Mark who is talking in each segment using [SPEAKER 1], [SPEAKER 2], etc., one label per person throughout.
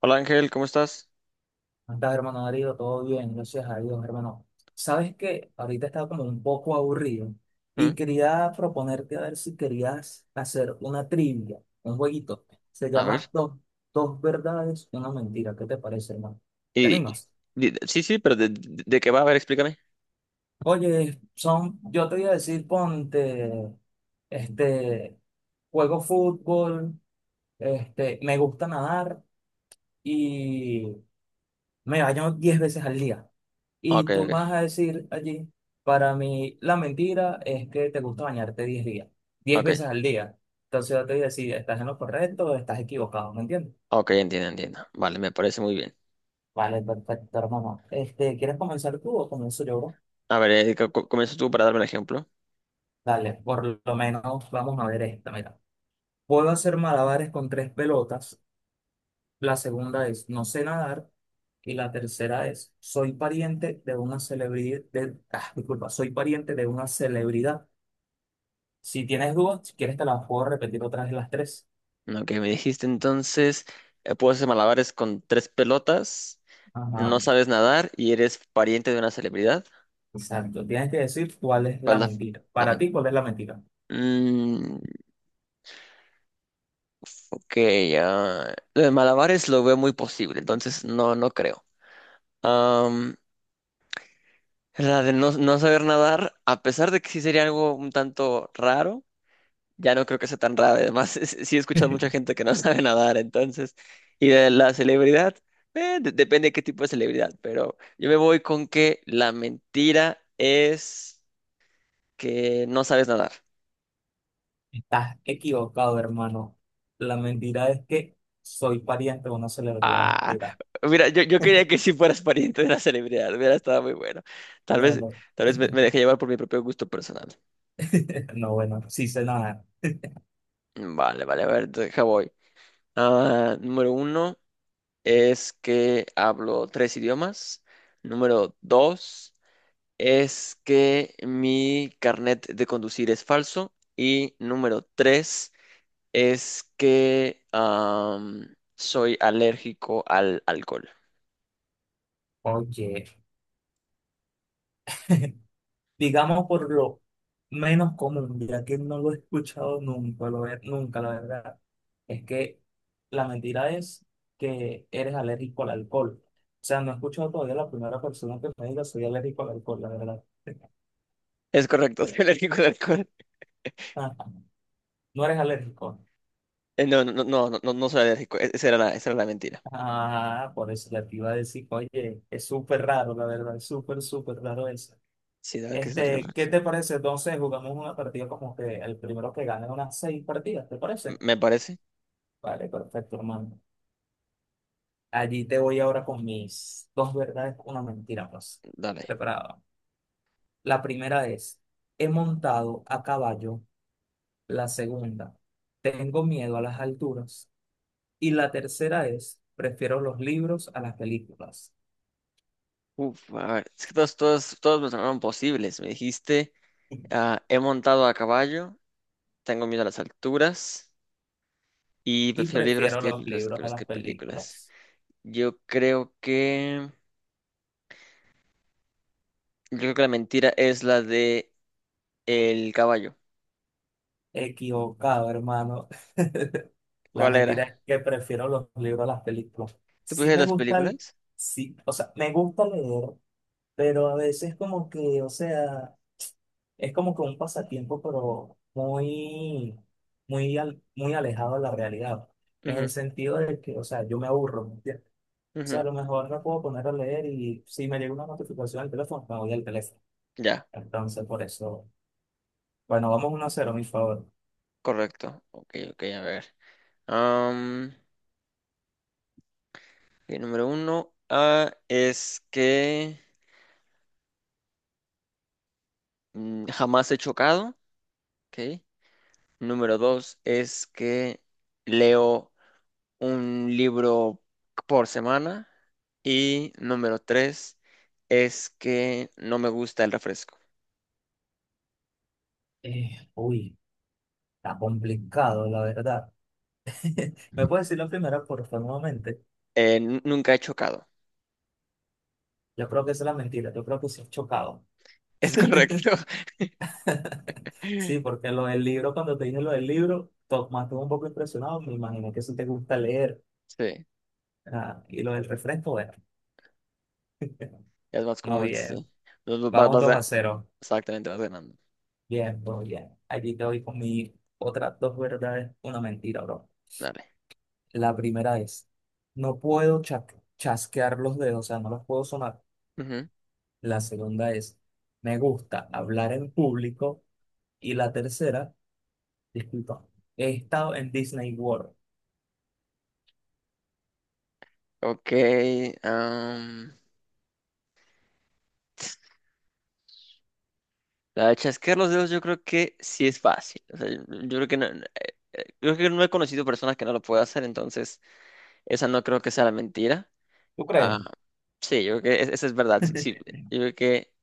[SPEAKER 1] Hola Ángel, ¿cómo estás?
[SPEAKER 2] ¿Cómo estás, hermano Darío? Todo bien, gracias a Dios, hermano. Sabes que ahorita estaba como un poco aburrido y
[SPEAKER 1] Mm,
[SPEAKER 2] quería proponerte a ver si querías hacer una trivia, un jueguito. Se
[SPEAKER 1] A ver,
[SPEAKER 2] llama Dos, dos verdades, una mentira. ¿Qué te parece, hermano? ¿Te
[SPEAKER 1] y, y-
[SPEAKER 2] animas?
[SPEAKER 1] sí, sí, pero de qué va? A ver, explícame.
[SPEAKER 2] Oye, son, yo te voy a decir, ponte, este, juego fútbol, me gusta nadar y me baño 10 veces al día.
[SPEAKER 1] Ok,
[SPEAKER 2] Y tú
[SPEAKER 1] ok,
[SPEAKER 2] vas a decir allí, para mí la mentira es que te gusta bañarte 10 días, diez
[SPEAKER 1] ok,
[SPEAKER 2] veces al día. Entonces yo te voy a decir, ¿estás en lo correcto o estás equivocado? ¿Me entiendes?
[SPEAKER 1] ok, entiendo, entiendo. Vale, me parece muy bien.
[SPEAKER 2] Vale, perfecto, hermano. Este, ¿quieres comenzar tú o comienzo yo, bro?
[SPEAKER 1] A ver, comienza tú para darme el ejemplo.
[SPEAKER 2] Dale, por lo menos vamos a ver esta, mira. Puedo hacer malabares con tres pelotas. La segunda es no sé nadar. Y la tercera es soy pariente de una celebridad, de, ah, disculpa, soy pariente de una celebridad. Si tienes dudas, si quieres te las puedo repetir otras vez las tres.
[SPEAKER 1] Ok, me dijiste entonces, puedo hacer malabares con tres pelotas, no
[SPEAKER 2] Ajá,
[SPEAKER 1] sabes nadar y eres pariente de una celebridad.
[SPEAKER 2] exacto. Tienes que decir cuál es la
[SPEAKER 1] ¿Cuál es la,
[SPEAKER 2] mentira.
[SPEAKER 1] la
[SPEAKER 2] Para
[SPEAKER 1] men-
[SPEAKER 2] ti, ¿cuál es la mentira?
[SPEAKER 1] Mm, ok, lo de malabares lo veo muy posible, entonces no, no creo. La de no, no saber nadar, a pesar de que sí sería algo un tanto raro, ya no creo que sea tan raro. Además, sí he escuchado mucha gente que no sabe nadar, entonces. Y de la celebridad, depende de qué tipo de celebridad, pero yo me voy con que la mentira es que no sabes nadar.
[SPEAKER 2] Estás equivocado, hermano. La mentira es que soy pariente de una celebridad.
[SPEAKER 1] Ah,
[SPEAKER 2] Mira,
[SPEAKER 1] mira, yo quería que sí fueras pariente de una celebridad, hubiera estado muy bueno. Tal
[SPEAKER 2] no,
[SPEAKER 1] vez,
[SPEAKER 2] no.
[SPEAKER 1] tal vez me dejé llevar por mi propio gusto personal.
[SPEAKER 2] No, bueno, sí sé nada.
[SPEAKER 1] Vale, vale, a ver, deja voy. Ah, número uno. Es que hablo tres idiomas. Número dos es que mi carnet de conducir es falso. Y número tres es que soy alérgico al alcohol.
[SPEAKER 2] Oye, digamos por lo menos común, ya que no lo he escuchado nunca, nunca, la verdad, es que la mentira es que eres alérgico al alcohol. O sea, no he escuchado todavía la primera persona que me diga soy alérgico al alcohol, la verdad.
[SPEAKER 1] Es correcto, soy alérgico al alcohol.
[SPEAKER 2] Ah, no eres alérgico.
[SPEAKER 1] Eh, no, no, no, no, no, no soy alérgico. Esa era la mentira.
[SPEAKER 2] Ah, por eso ya te iba a decir, oye, es súper raro, la verdad, es súper, súper raro eso.
[SPEAKER 1] Sí, dale que es alérgico al
[SPEAKER 2] Este,
[SPEAKER 1] alcohol,
[SPEAKER 2] ¿qué
[SPEAKER 1] sí.
[SPEAKER 2] te parece? Entonces, jugamos una partida como que el primero que gane unas seis partidas, ¿te parece?
[SPEAKER 1] Me parece.
[SPEAKER 2] Vale, perfecto, hermano. Allí te voy ahora con mis dos verdades, una mentira, pues.
[SPEAKER 1] Dale.
[SPEAKER 2] Preparado. La primera es, he montado a caballo. La segunda, tengo miedo a las alturas. Y la tercera es, prefiero los libros a las películas.
[SPEAKER 1] Uf, a ver, es que todos, todos, todos me sonaron posibles. Me dijiste, he montado a caballo. Tengo miedo a las alturas y
[SPEAKER 2] Y
[SPEAKER 1] prefiero libros
[SPEAKER 2] prefiero
[SPEAKER 1] que
[SPEAKER 2] los libros a
[SPEAKER 1] los
[SPEAKER 2] las
[SPEAKER 1] que películas.
[SPEAKER 2] películas.
[SPEAKER 1] Yo creo que yo creo que la mentira es la de el caballo.
[SPEAKER 2] Equivocado, hermano. La
[SPEAKER 1] ¿Cuál
[SPEAKER 2] mentira
[SPEAKER 1] era?
[SPEAKER 2] es que prefiero los libros a las películas.
[SPEAKER 1] ¿Tú
[SPEAKER 2] Sí
[SPEAKER 1] prefieres
[SPEAKER 2] me
[SPEAKER 1] las
[SPEAKER 2] gusta,
[SPEAKER 1] películas?
[SPEAKER 2] sí, o sea, me gusta leer, pero a veces como que, o sea, es como que un pasatiempo, pero muy, muy, muy alejado de la realidad, en el
[SPEAKER 1] Ujú,
[SPEAKER 2] sentido de que, o sea, yo me aburro, ¿me entiendes? O sea, a
[SPEAKER 1] ujú.
[SPEAKER 2] lo mejor me puedo poner a leer y si me llega una notificación al teléfono, me voy al teléfono.
[SPEAKER 1] Ya,
[SPEAKER 2] Entonces, por eso, bueno, vamos 1-0, mi favor.
[SPEAKER 1] correcto. Ok, ok, a ver. Am, ok, número uno es que jamás he chocado. Ok. Número dos es que leo un libro por semana. Y número tres es que no me gusta el refresco.
[SPEAKER 2] Uy, está complicado, la verdad. ¿Me puedes decir la primera, por favor, nuevamente?
[SPEAKER 1] Nunca he chocado.
[SPEAKER 2] Yo creo que esa es la mentira, yo creo que sí es chocado.
[SPEAKER 1] Es correcto.
[SPEAKER 2] Sí, porque lo del libro, cuando te dije lo del libro, Tomás estuvo un poco impresionado, me imaginé que si te gusta leer.
[SPEAKER 1] Sí,
[SPEAKER 2] Ah, y lo del refresco, bueno,
[SPEAKER 1] es más
[SPEAKER 2] no
[SPEAKER 1] común, sí.
[SPEAKER 2] bien.
[SPEAKER 1] Vas, vas-
[SPEAKER 2] Vamos
[SPEAKER 1] vas
[SPEAKER 2] dos
[SPEAKER 1] ga-
[SPEAKER 2] a cero
[SPEAKER 1] exactamente, vas ganando.
[SPEAKER 2] Bien, bro, bien. Allí te voy con mi otras dos verdades, una mentira, bro.
[SPEAKER 1] Dale.
[SPEAKER 2] La primera es, no puedo chasquear los dedos, o sea, no los puedo sonar.
[SPEAKER 1] Ujú.
[SPEAKER 2] La segunda es, me gusta hablar en público. Y la tercera, disculpa, he estado en Disney World.
[SPEAKER 1] Ok. am, la de chasquear los dedos yo creo que sí es fácil. O sea, yo creo que no, creo que no he conocido personas que no lo puedan hacer, entonces esa no creo que sea la mentira.
[SPEAKER 2] ¿Tú crees?
[SPEAKER 1] Ah, sí, yo creo que eso es verdad. Sí, sí, yo creo que,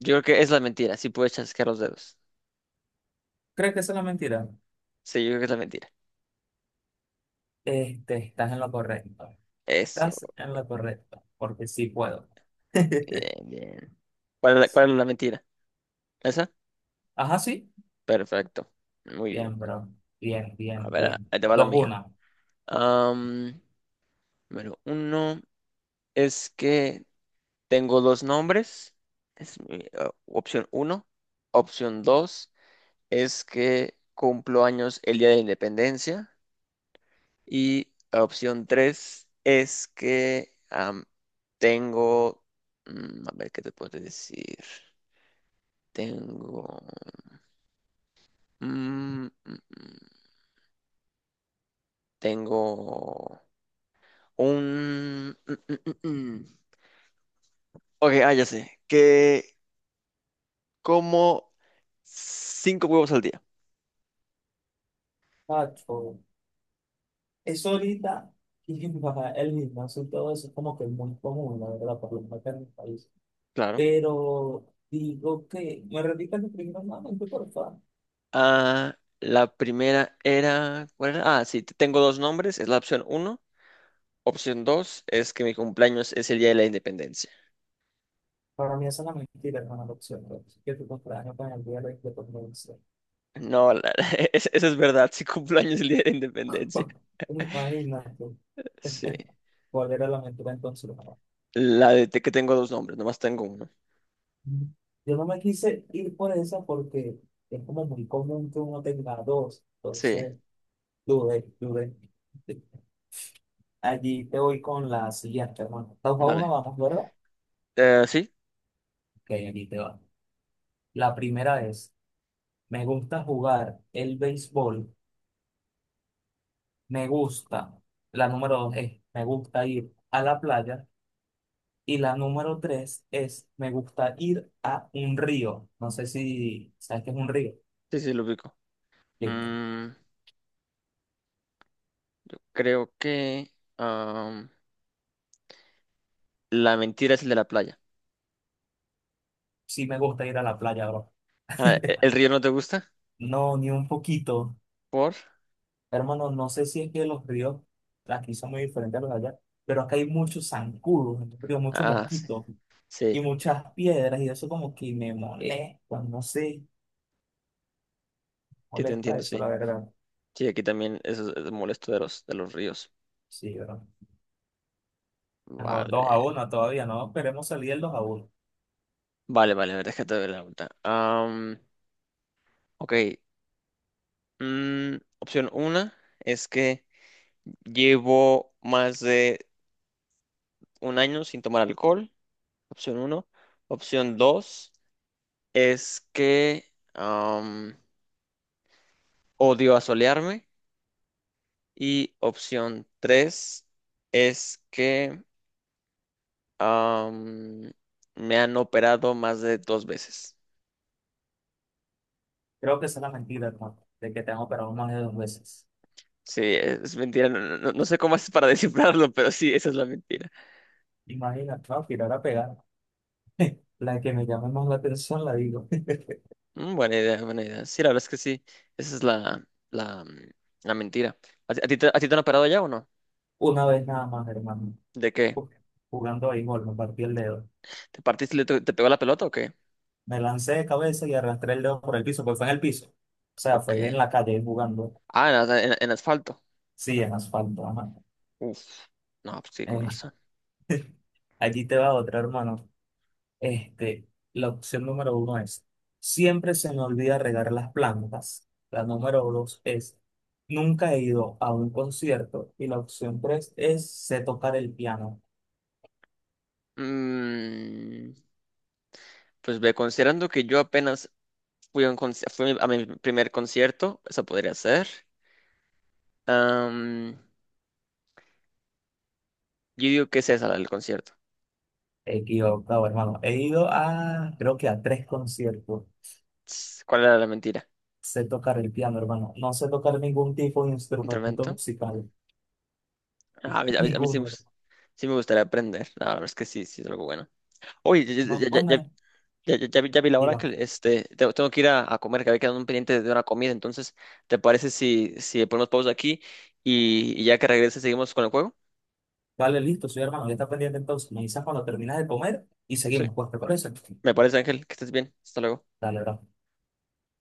[SPEAKER 1] yo creo que es la mentira. Sí puedes chasquear los dedos.
[SPEAKER 2] ¿Crees que esa es la mentira?
[SPEAKER 1] Sí, yo creo que es la mentira.
[SPEAKER 2] Este, estás en lo correcto.
[SPEAKER 1] Eso,
[SPEAKER 2] Estás en lo correcto, porque sí puedo.
[SPEAKER 1] bien, bien. Cuál es la mentira? ¿Esa?
[SPEAKER 2] Ajá, sí.
[SPEAKER 1] Perfecto. Muy
[SPEAKER 2] Bien,
[SPEAKER 1] bien.
[SPEAKER 2] bro. Bien,
[SPEAKER 1] A
[SPEAKER 2] bien,
[SPEAKER 1] ver, ah,
[SPEAKER 2] bien.
[SPEAKER 1] ahí te va la
[SPEAKER 2] Dos,
[SPEAKER 1] mía.
[SPEAKER 2] una.
[SPEAKER 1] Am, número uno es que tengo dos nombres. Es mi, opción uno. Opción dos es que cumplo años el día de la independencia. Y opción 3 es que tengo, a ver qué te puedo decir. Tengo, mm, mm, mm, tengo un, mm, mm, mm, mm. Ok, ah, ya sé, que como cinco huevos al día.
[SPEAKER 2] Pacho, eso ahorita, y va, el gimnasio y todo eso es como que muy común, la verdad, por lo menos acá en mi país.
[SPEAKER 1] Claro.
[SPEAKER 2] Pero digo que, me repitas lo primero nuevamente, por favor.
[SPEAKER 1] Ah, la primera era, ¿cuál era? Ah, sí, tengo dos nombres, es la opción uno. Opción 2 es que mi cumpleaños es el día de la independencia.
[SPEAKER 2] Para mí esa es la mentira, hermano, la opción, bro. Así que tu cumpleaños con el día de la independencia.
[SPEAKER 1] No, eso es verdad, sí cumplo años el día de la independencia.
[SPEAKER 2] Imagínate.
[SPEAKER 1] Sí.
[SPEAKER 2] ¿Cuál era la mentira entonces? No.
[SPEAKER 1] La de que tengo dos nombres, nomás tengo uno.
[SPEAKER 2] Yo no me quise ir por esa porque es como muy común que uno tenga dos.
[SPEAKER 1] Sí,
[SPEAKER 2] Entonces, dudé, dudé. Allí te voy con la siguiente, hermano. 2-1,
[SPEAKER 1] dale.
[SPEAKER 2] vamos, ¿verdad? Ok,
[SPEAKER 1] Eh, sí,
[SPEAKER 2] aquí te va. La primera es, me gusta jugar el béisbol, me gusta. La número dos es, me gusta ir a la playa. Y la número tres es, me gusta ir a un río. No sé si sabes qué es un río.
[SPEAKER 1] sí, lo ubico.
[SPEAKER 2] Listo.
[SPEAKER 1] Mm, creo que am, la mentira es el de la playa.
[SPEAKER 2] Sí me gusta ir a la playa, bro.
[SPEAKER 1] Ah, ¿el río no te gusta?
[SPEAKER 2] No, ni un poquito.
[SPEAKER 1] ¿Por?
[SPEAKER 2] Hermano, no sé si es que los ríos aquí son muy diferentes a los de allá, pero acá hay muchos zancudos, en los ríos, muchos
[SPEAKER 1] Ah, sí.
[SPEAKER 2] mosquitos
[SPEAKER 1] Sí,
[SPEAKER 2] y muchas piedras, y eso como que me molesta, no sé,
[SPEAKER 1] sí te
[SPEAKER 2] molesta
[SPEAKER 1] entiendo,
[SPEAKER 2] eso,
[SPEAKER 1] sí.
[SPEAKER 2] la verdad.
[SPEAKER 1] Sí, aquí también eso es molesto de los ríos.
[SPEAKER 2] Sí, ¿verdad? Ajá,
[SPEAKER 1] Vale.
[SPEAKER 2] 2-1 todavía, no esperemos salir del 2-1.
[SPEAKER 1] Vale, vale, a ver, déjate ver la vuelta. Ok. Mm, opción una es que llevo más de un año sin tomar alcohol, opción uno. Opción dos es que am, odio asolearme. Y opción tres es que am, me han operado más de dos veces.
[SPEAKER 2] Creo que esa es la mentira, hermano, de que te han operado más de dos veces.
[SPEAKER 1] Sí, es mentira. No no sé cómo haces para descifrarlo, pero sí, esa es la mentira.
[SPEAKER 2] Imagínate, no, tirar a pegar. La que me llame más la atención la digo.
[SPEAKER 1] Mm, buena idea, buena idea. Sí, la verdad es que sí. Esa es la, la, la mentira. ¿A ti te han operado ya o no?
[SPEAKER 2] Una vez nada más, hermano.
[SPEAKER 1] ¿De qué?
[SPEAKER 2] Uf, jugando ahí, gol, me partí el dedo.
[SPEAKER 1] ¿Te partiste y te pegó la pelota o qué?
[SPEAKER 2] Me lancé de cabeza y arrastré el dedo por el piso, porque fue en el piso. O sea,
[SPEAKER 1] Ok.
[SPEAKER 2] fue en la calle jugando.
[SPEAKER 1] Ah, en asfalto.
[SPEAKER 2] Sí, en asfalto, ajá.
[SPEAKER 1] Uf. No, pues sí, con
[SPEAKER 2] Eh,
[SPEAKER 1] razón.
[SPEAKER 2] allí te va otra, hermano. Este, la opción número uno es, siempre se me olvida regar las plantas. La número dos es, nunca he ido a un concierto. Y la opción tres es, sé tocar el piano.
[SPEAKER 1] Mm, pues ve, considerando que yo apenas fui a mi primer concierto, eso podría ser. Am, yo digo que es esa la del concierto.
[SPEAKER 2] Equivocado, hermano. He ido a, creo que a tres conciertos.
[SPEAKER 1] Ts, ¿cuál era la mentira?
[SPEAKER 2] Sé tocar el piano, hermano. No sé tocar ningún tipo de instrumento
[SPEAKER 1] ¿Instrumento?
[SPEAKER 2] musical.
[SPEAKER 1] Ah, a mí, a mí sí,
[SPEAKER 2] Ninguno.
[SPEAKER 1] sí me gustaría aprender. La verdad es que sí, sí es algo bueno. Oye,
[SPEAKER 2] No, bueno,
[SPEAKER 1] ya, ya, ya vi la hora
[SPEAKER 2] diga,
[SPEAKER 1] que este, tengo que ir a comer, que había quedado un pendiente de una comida. Entonces, ¿te parece si, si ponemos pausa aquí y ya que regrese seguimos con el juego?
[SPEAKER 2] vale, listo, soy hermano, ya está pendiente entonces. Me avisas cuando terminas de comer y
[SPEAKER 1] Sí.
[SPEAKER 2] seguimos, pues, ¿te parece?
[SPEAKER 1] Me parece, Ángel, que estés bien. Hasta luego.
[SPEAKER 2] Dale, bro.